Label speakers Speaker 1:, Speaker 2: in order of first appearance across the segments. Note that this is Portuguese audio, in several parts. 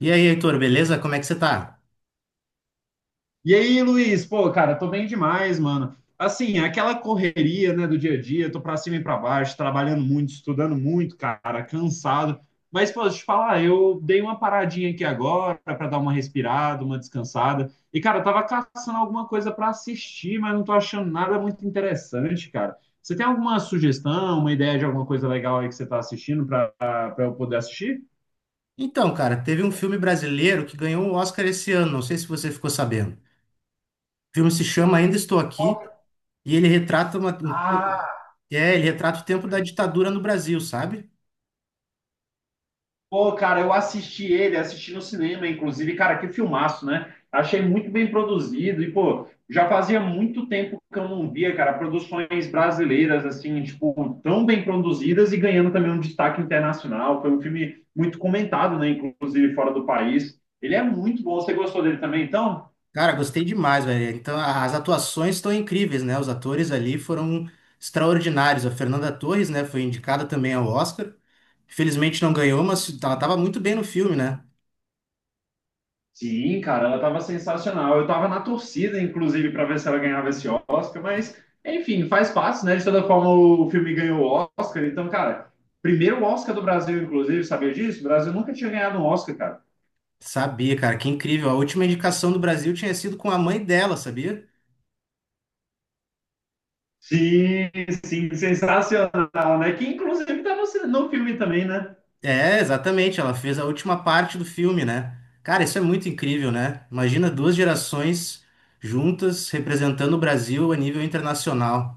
Speaker 1: E aí, Heitor, beleza? Como é que você tá?
Speaker 2: E aí, Luiz, pô, cara, tô bem demais, mano. Assim, aquela correria, né, do dia a dia, tô pra cima e pra baixo, trabalhando muito, estudando muito, cara, cansado. Mas, pô, deixa eu te falar, eu dei uma paradinha aqui agora pra dar uma respirada, uma descansada. E, cara, eu tava caçando alguma coisa pra assistir, mas não tô achando nada muito interessante, cara. Você tem alguma sugestão, uma ideia de alguma coisa legal aí que você tá assistindo pra eu poder assistir?
Speaker 1: Então, cara, teve um filme brasileiro que ganhou o Oscar esse ano, não sei se você ficou sabendo. O filme se chama Ainda Estou Aqui e ele retrata
Speaker 2: Ah.
Speaker 1: ele retrata o tempo da ditadura no Brasil, sabe?
Speaker 2: Pô, cara, eu assisti ele, assisti no cinema, inclusive, cara, que filmaço, né? Achei muito bem produzido e, pô, já fazia muito tempo que eu não via, cara, produções brasileiras, assim, tipo, tão bem produzidas e ganhando também um destaque internacional. Foi um filme muito comentado, né? Inclusive fora do país. Ele é muito bom. Você gostou dele também, então?
Speaker 1: Cara, gostei demais, velho. Então, as atuações estão incríveis, né? Os atores ali foram extraordinários. A Fernanda Torres, né, foi indicada também ao Oscar. Infelizmente não ganhou, mas ela tava muito bem no filme, né?
Speaker 2: Sim, cara, ela estava sensacional. Eu estava na torcida, inclusive, para ver se ela ganhava esse Oscar, mas, enfim, faz parte, né? De toda forma, o filme ganhou o Oscar. Então, cara, primeiro Oscar do Brasil, inclusive, sabia disso? O Brasil nunca tinha ganhado um Oscar, cara.
Speaker 1: Sabia, cara, que incrível. A última indicação do Brasil tinha sido com a mãe dela, sabia?
Speaker 2: Sim, sim, sensacional, né? Que, inclusive, tá no, no filme também, né?
Speaker 1: É, exatamente, ela fez a última parte do filme, né? Cara, isso é muito incrível, né? Imagina duas gerações juntas representando o Brasil a nível internacional.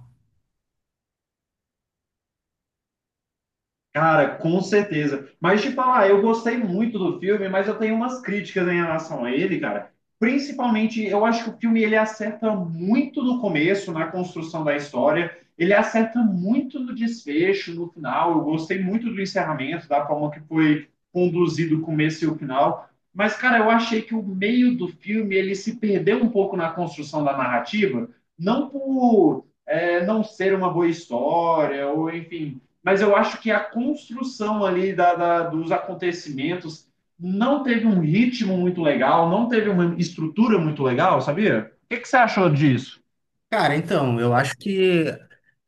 Speaker 2: Cara, com certeza. Mas te falar, eu gostei muito do filme, mas eu tenho umas críticas em relação a ele, cara. Principalmente, eu acho que o filme ele acerta muito no começo, na construção da história. Ele acerta muito no desfecho, no final. Eu gostei muito do encerramento, da forma que foi conduzido o começo e o final. Mas, cara, eu achei que o meio do filme ele se perdeu um pouco na construção da narrativa, não não ser uma boa história, ou enfim, mas eu acho que a construção ali dos acontecimentos não teve um ritmo muito legal, não teve uma estrutura muito legal, sabia? O que você achou disso?
Speaker 1: Cara, então, eu acho que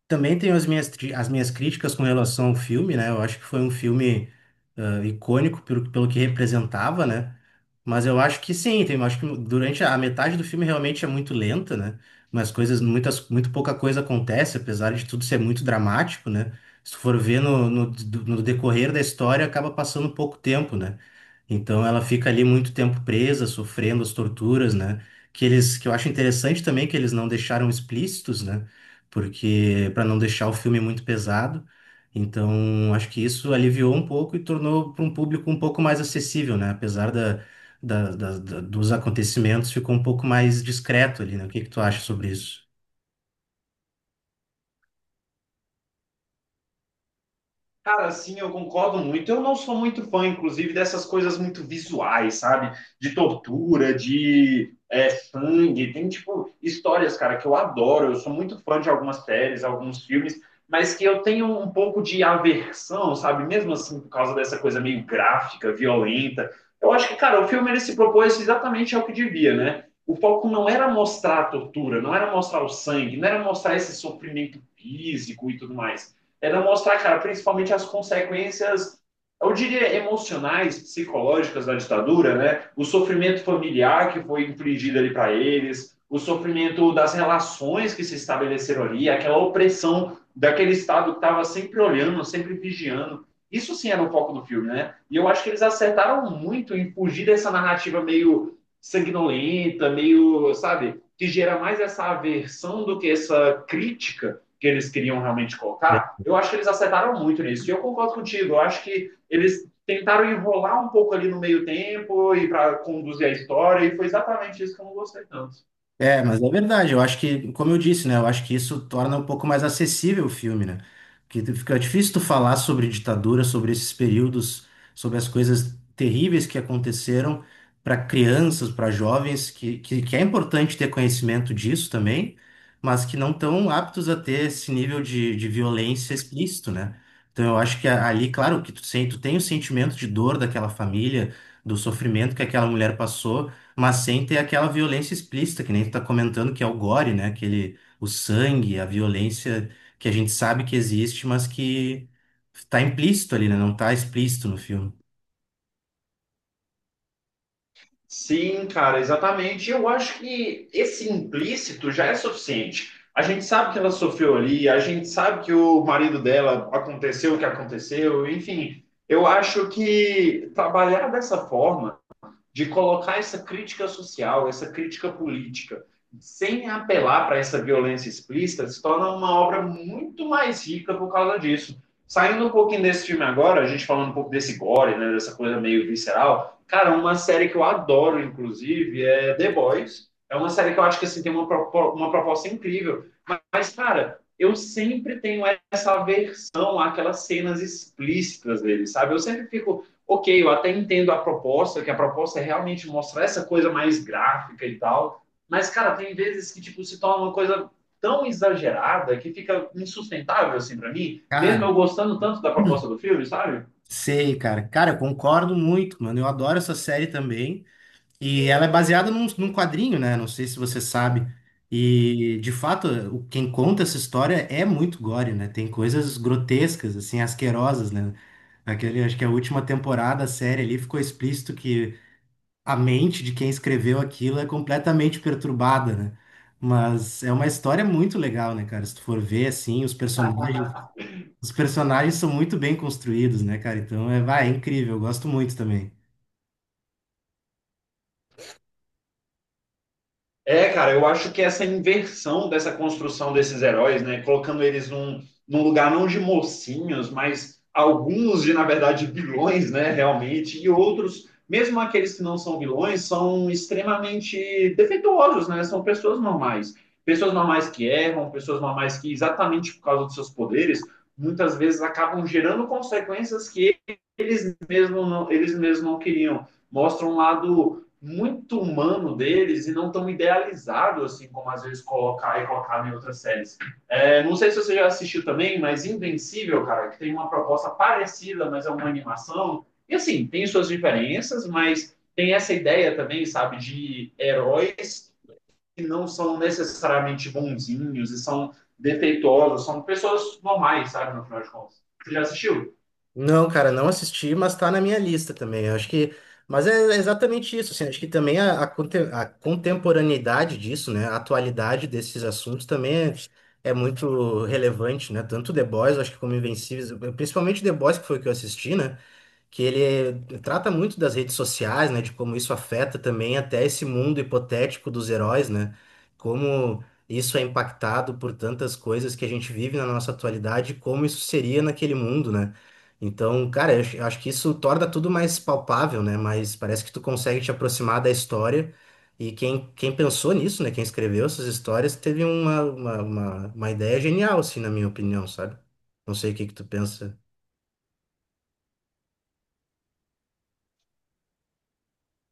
Speaker 1: também tenho as minhas críticas com relação ao filme, né? Eu acho que foi um filme icônico pelo que representava, né? Mas eu acho que sim, tem, eu acho que durante a metade do filme realmente é muito lenta, né? Mas muito pouca coisa acontece, apesar de tudo ser muito dramático, né? Se tu for ver no decorrer da história, acaba passando pouco tempo, né? Então ela fica ali muito tempo presa, sofrendo as torturas, né? Que eu acho interessante também que eles não deixaram explícitos, né? Porque para não deixar o filme muito pesado. Então, acho que isso aliviou um pouco e tornou para um público um pouco mais acessível, né? Apesar dos acontecimentos, ficou um pouco mais discreto ali, né? O que que tu acha sobre isso?
Speaker 2: Cara, sim, eu concordo muito. Eu não sou muito fã, inclusive, dessas coisas muito visuais, sabe? De tortura, sangue. Tem, tipo, histórias, cara, que eu adoro. Eu sou muito fã de algumas séries, alguns filmes, mas que eu tenho um pouco de aversão, sabe? Mesmo assim, por causa dessa coisa meio gráfica, violenta. Eu acho que, cara, o filme ele se propôs exatamente ao que devia, né? O foco não era mostrar a tortura, não era mostrar o sangue, não era mostrar esse sofrimento físico e tudo mais, não mostrar, cara, principalmente as consequências, eu diria, emocionais, psicológicas da ditadura, né? O sofrimento familiar que foi infligido ali para eles, o sofrimento das relações que se estabeleceram ali, aquela opressão daquele Estado que estava sempre olhando, sempre vigiando. Isso sim era o foco do filme, né? E eu acho que eles acertaram muito em fugir dessa narrativa meio sanguinolenta, meio, sabe, que gera mais essa aversão do que essa crítica que eles queriam realmente colocar, eu acho que eles acertaram muito nisso. E eu concordo contigo, eu acho que eles tentaram enrolar um pouco ali no meio tempo e para conduzir a história, e foi exatamente isso que eu não gostei tanto.
Speaker 1: É, mas é verdade. Eu acho que, como eu disse, né? Eu acho que isso torna um pouco mais acessível o filme, né? Porque fica é difícil tu falar sobre ditadura, sobre esses períodos, sobre as coisas terríveis que aconteceram para crianças, para jovens, que é importante ter conhecimento disso também, mas que não estão aptos a ter esse nível de violência explícito, né? Então eu acho que ali, claro, que tu tem o sentimento de dor daquela família, do sofrimento que aquela mulher passou. Mas sem ter aquela violência explícita, que nem tu tá comentando, que é o gore, né? Aquele, o sangue, a violência que a gente sabe que existe, mas que tá implícito ali, né? Não tá explícito no filme.
Speaker 2: Sim, cara, exatamente. Eu acho que esse implícito já é suficiente. A gente sabe que ela sofreu ali, a gente sabe que o marido dela aconteceu o que aconteceu, enfim. Eu acho que trabalhar dessa forma de colocar essa crítica social, essa crítica política, sem apelar para essa violência explícita, se torna uma obra muito mais rica por causa disso. Saindo um pouquinho desse filme agora, a gente falando um pouco desse gore, né, dessa coisa meio visceral, cara, uma série que eu adoro, inclusive, é The Boys. É uma série que eu acho que assim, tem uma proposta incrível, mas, cara, eu sempre tenho essa aversão àquelas cenas explícitas dele, sabe? Eu sempre fico, ok, eu até entendo a proposta, que a proposta é realmente mostrar essa coisa mais gráfica e tal, mas, cara, tem vezes que, tipo, se torna uma coisa tão exagerada que fica insustentável, assim, para mim, mesmo
Speaker 1: Cara,
Speaker 2: eu gostando tanto da proposta do filme, sabe?
Speaker 1: sei, cara. Cara, eu concordo muito, mano. Eu adoro essa série também. E ela é baseada num quadrinho, né? Não sei se você sabe. E, de fato, quem conta essa história é muito gore, né? Tem coisas grotescas, assim, asquerosas, né? Aquele, acho que a última temporada, a série ali, ficou explícito que a mente de quem escreveu aquilo é completamente perturbada, né? Mas é uma história muito legal, né, cara? Se tu for ver, assim, os personagens são muito bem construídos, né, cara? Então é, vai, é incrível, eu gosto muito também.
Speaker 2: É, cara, eu acho que essa inversão dessa construção desses heróis, né, colocando eles num lugar não de mocinhos, mas alguns de, na verdade, vilões, né, realmente, e outros, mesmo aqueles que não são vilões, são extremamente defeituosos, né, são pessoas normais. Pessoas normais que erram, pessoas normais que, exatamente por causa dos seus poderes, muitas vezes acabam gerando consequências que eles mesmos não queriam. Mostra um lado muito humano deles e não tão idealizado, assim, como às vezes colocar e colocar em outras séries. É, não sei se você já assistiu também, mas Invencível, cara, que tem uma proposta parecida, mas é uma animação. E assim, tem suas diferenças, mas tem essa ideia também, sabe, de heróis que não são necessariamente bonzinhos e são defeituosos, são pessoas normais, sabe, no final de contas. Você já assistiu?
Speaker 1: Não, cara, não assisti, mas tá na minha lista também. Eu acho que. Mas é exatamente isso, assim, acho que também a a contemporaneidade disso, né? A atualidade desses assuntos também é, é muito relevante, né? Tanto The Boys, eu acho que como Invencíveis, principalmente The Boys, que foi o que eu assisti, né? Que ele trata muito das redes sociais, né, de como isso afeta também até esse mundo hipotético dos heróis, né? Como isso é impactado por tantas coisas que a gente vive na nossa atualidade, como isso seria naquele mundo, né? Então, cara, eu acho que isso torna tudo mais palpável, né? Mas parece que tu consegue te aproximar da história. E quem pensou nisso, né? Quem escreveu essas histórias teve uma ideia genial, assim, na minha opinião, sabe? Não sei o que que tu pensa.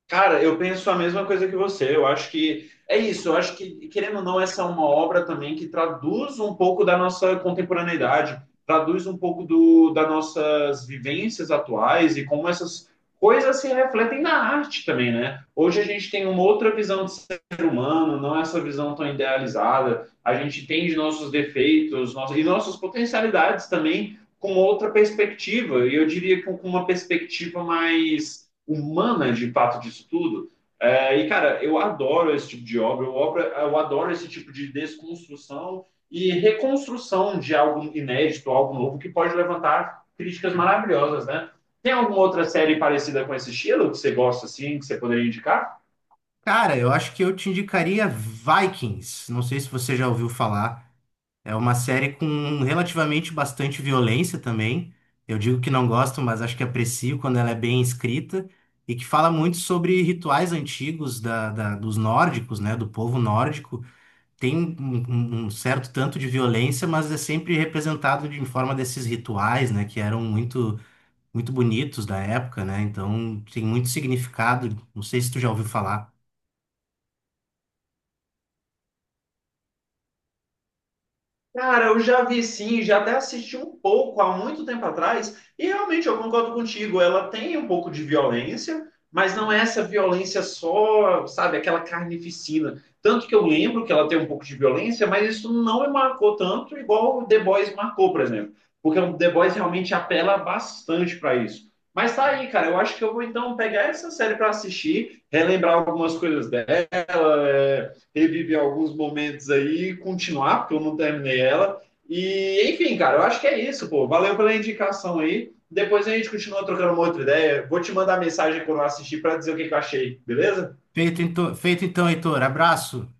Speaker 2: Cara, eu penso a mesma coisa que você. Eu acho que é isso. Eu acho que, querendo ou não, essa é uma obra também que traduz um pouco da nossa contemporaneidade, traduz um pouco das nossas vivências atuais e como essas coisas se refletem na arte também, né? Hoje a gente tem uma outra visão de ser humano, não é essa visão tão idealizada. A gente tem de nossos defeitos nossas, e nossas potencialidades também com outra perspectiva. E eu diria que com uma perspectiva mais humana de fato disso tudo. É, e, cara, eu adoro esse tipo de obra, eu adoro esse tipo de desconstrução e reconstrução de algo inédito, algo novo, que pode levantar críticas maravilhosas, né? Tem alguma outra série parecida com esse estilo que você gosta, assim, que você poderia indicar?
Speaker 1: Cara, eu acho que eu te indicaria Vikings. Não sei se você já ouviu falar. É uma série com relativamente bastante violência também. Eu digo que não gosto, mas acho que aprecio quando ela é bem escrita e que fala muito sobre rituais antigos dos nórdicos, né? Do povo nórdico. Tem um certo tanto de violência, mas é sempre representado de em forma desses rituais, né? Que eram muito, muito bonitos da época, né? Então tem muito significado. Não sei se tu já ouviu falar.
Speaker 2: Cara, eu já vi sim, já até assisti um pouco há muito tempo atrás, e realmente eu concordo contigo, ela tem um pouco de violência, mas não é essa violência só, sabe, aquela carnificina. Tanto que eu lembro que ela tem um pouco de violência, mas isso não me marcou tanto igual o The Boys marcou, por exemplo. Porque o The Boys realmente apela bastante para isso. Mas tá aí, cara, eu acho que eu vou então pegar essa série para assistir, relembrar algumas coisas dela, é, reviver alguns momentos aí e continuar, porque eu não terminei ela. E, enfim, cara, eu acho que é isso, pô. Valeu pela indicação aí. Depois a gente continua trocando uma outra ideia. Vou te mandar mensagem quando eu assistir para dizer o que eu achei, beleza?
Speaker 1: Feito então, Heitor. Abraço.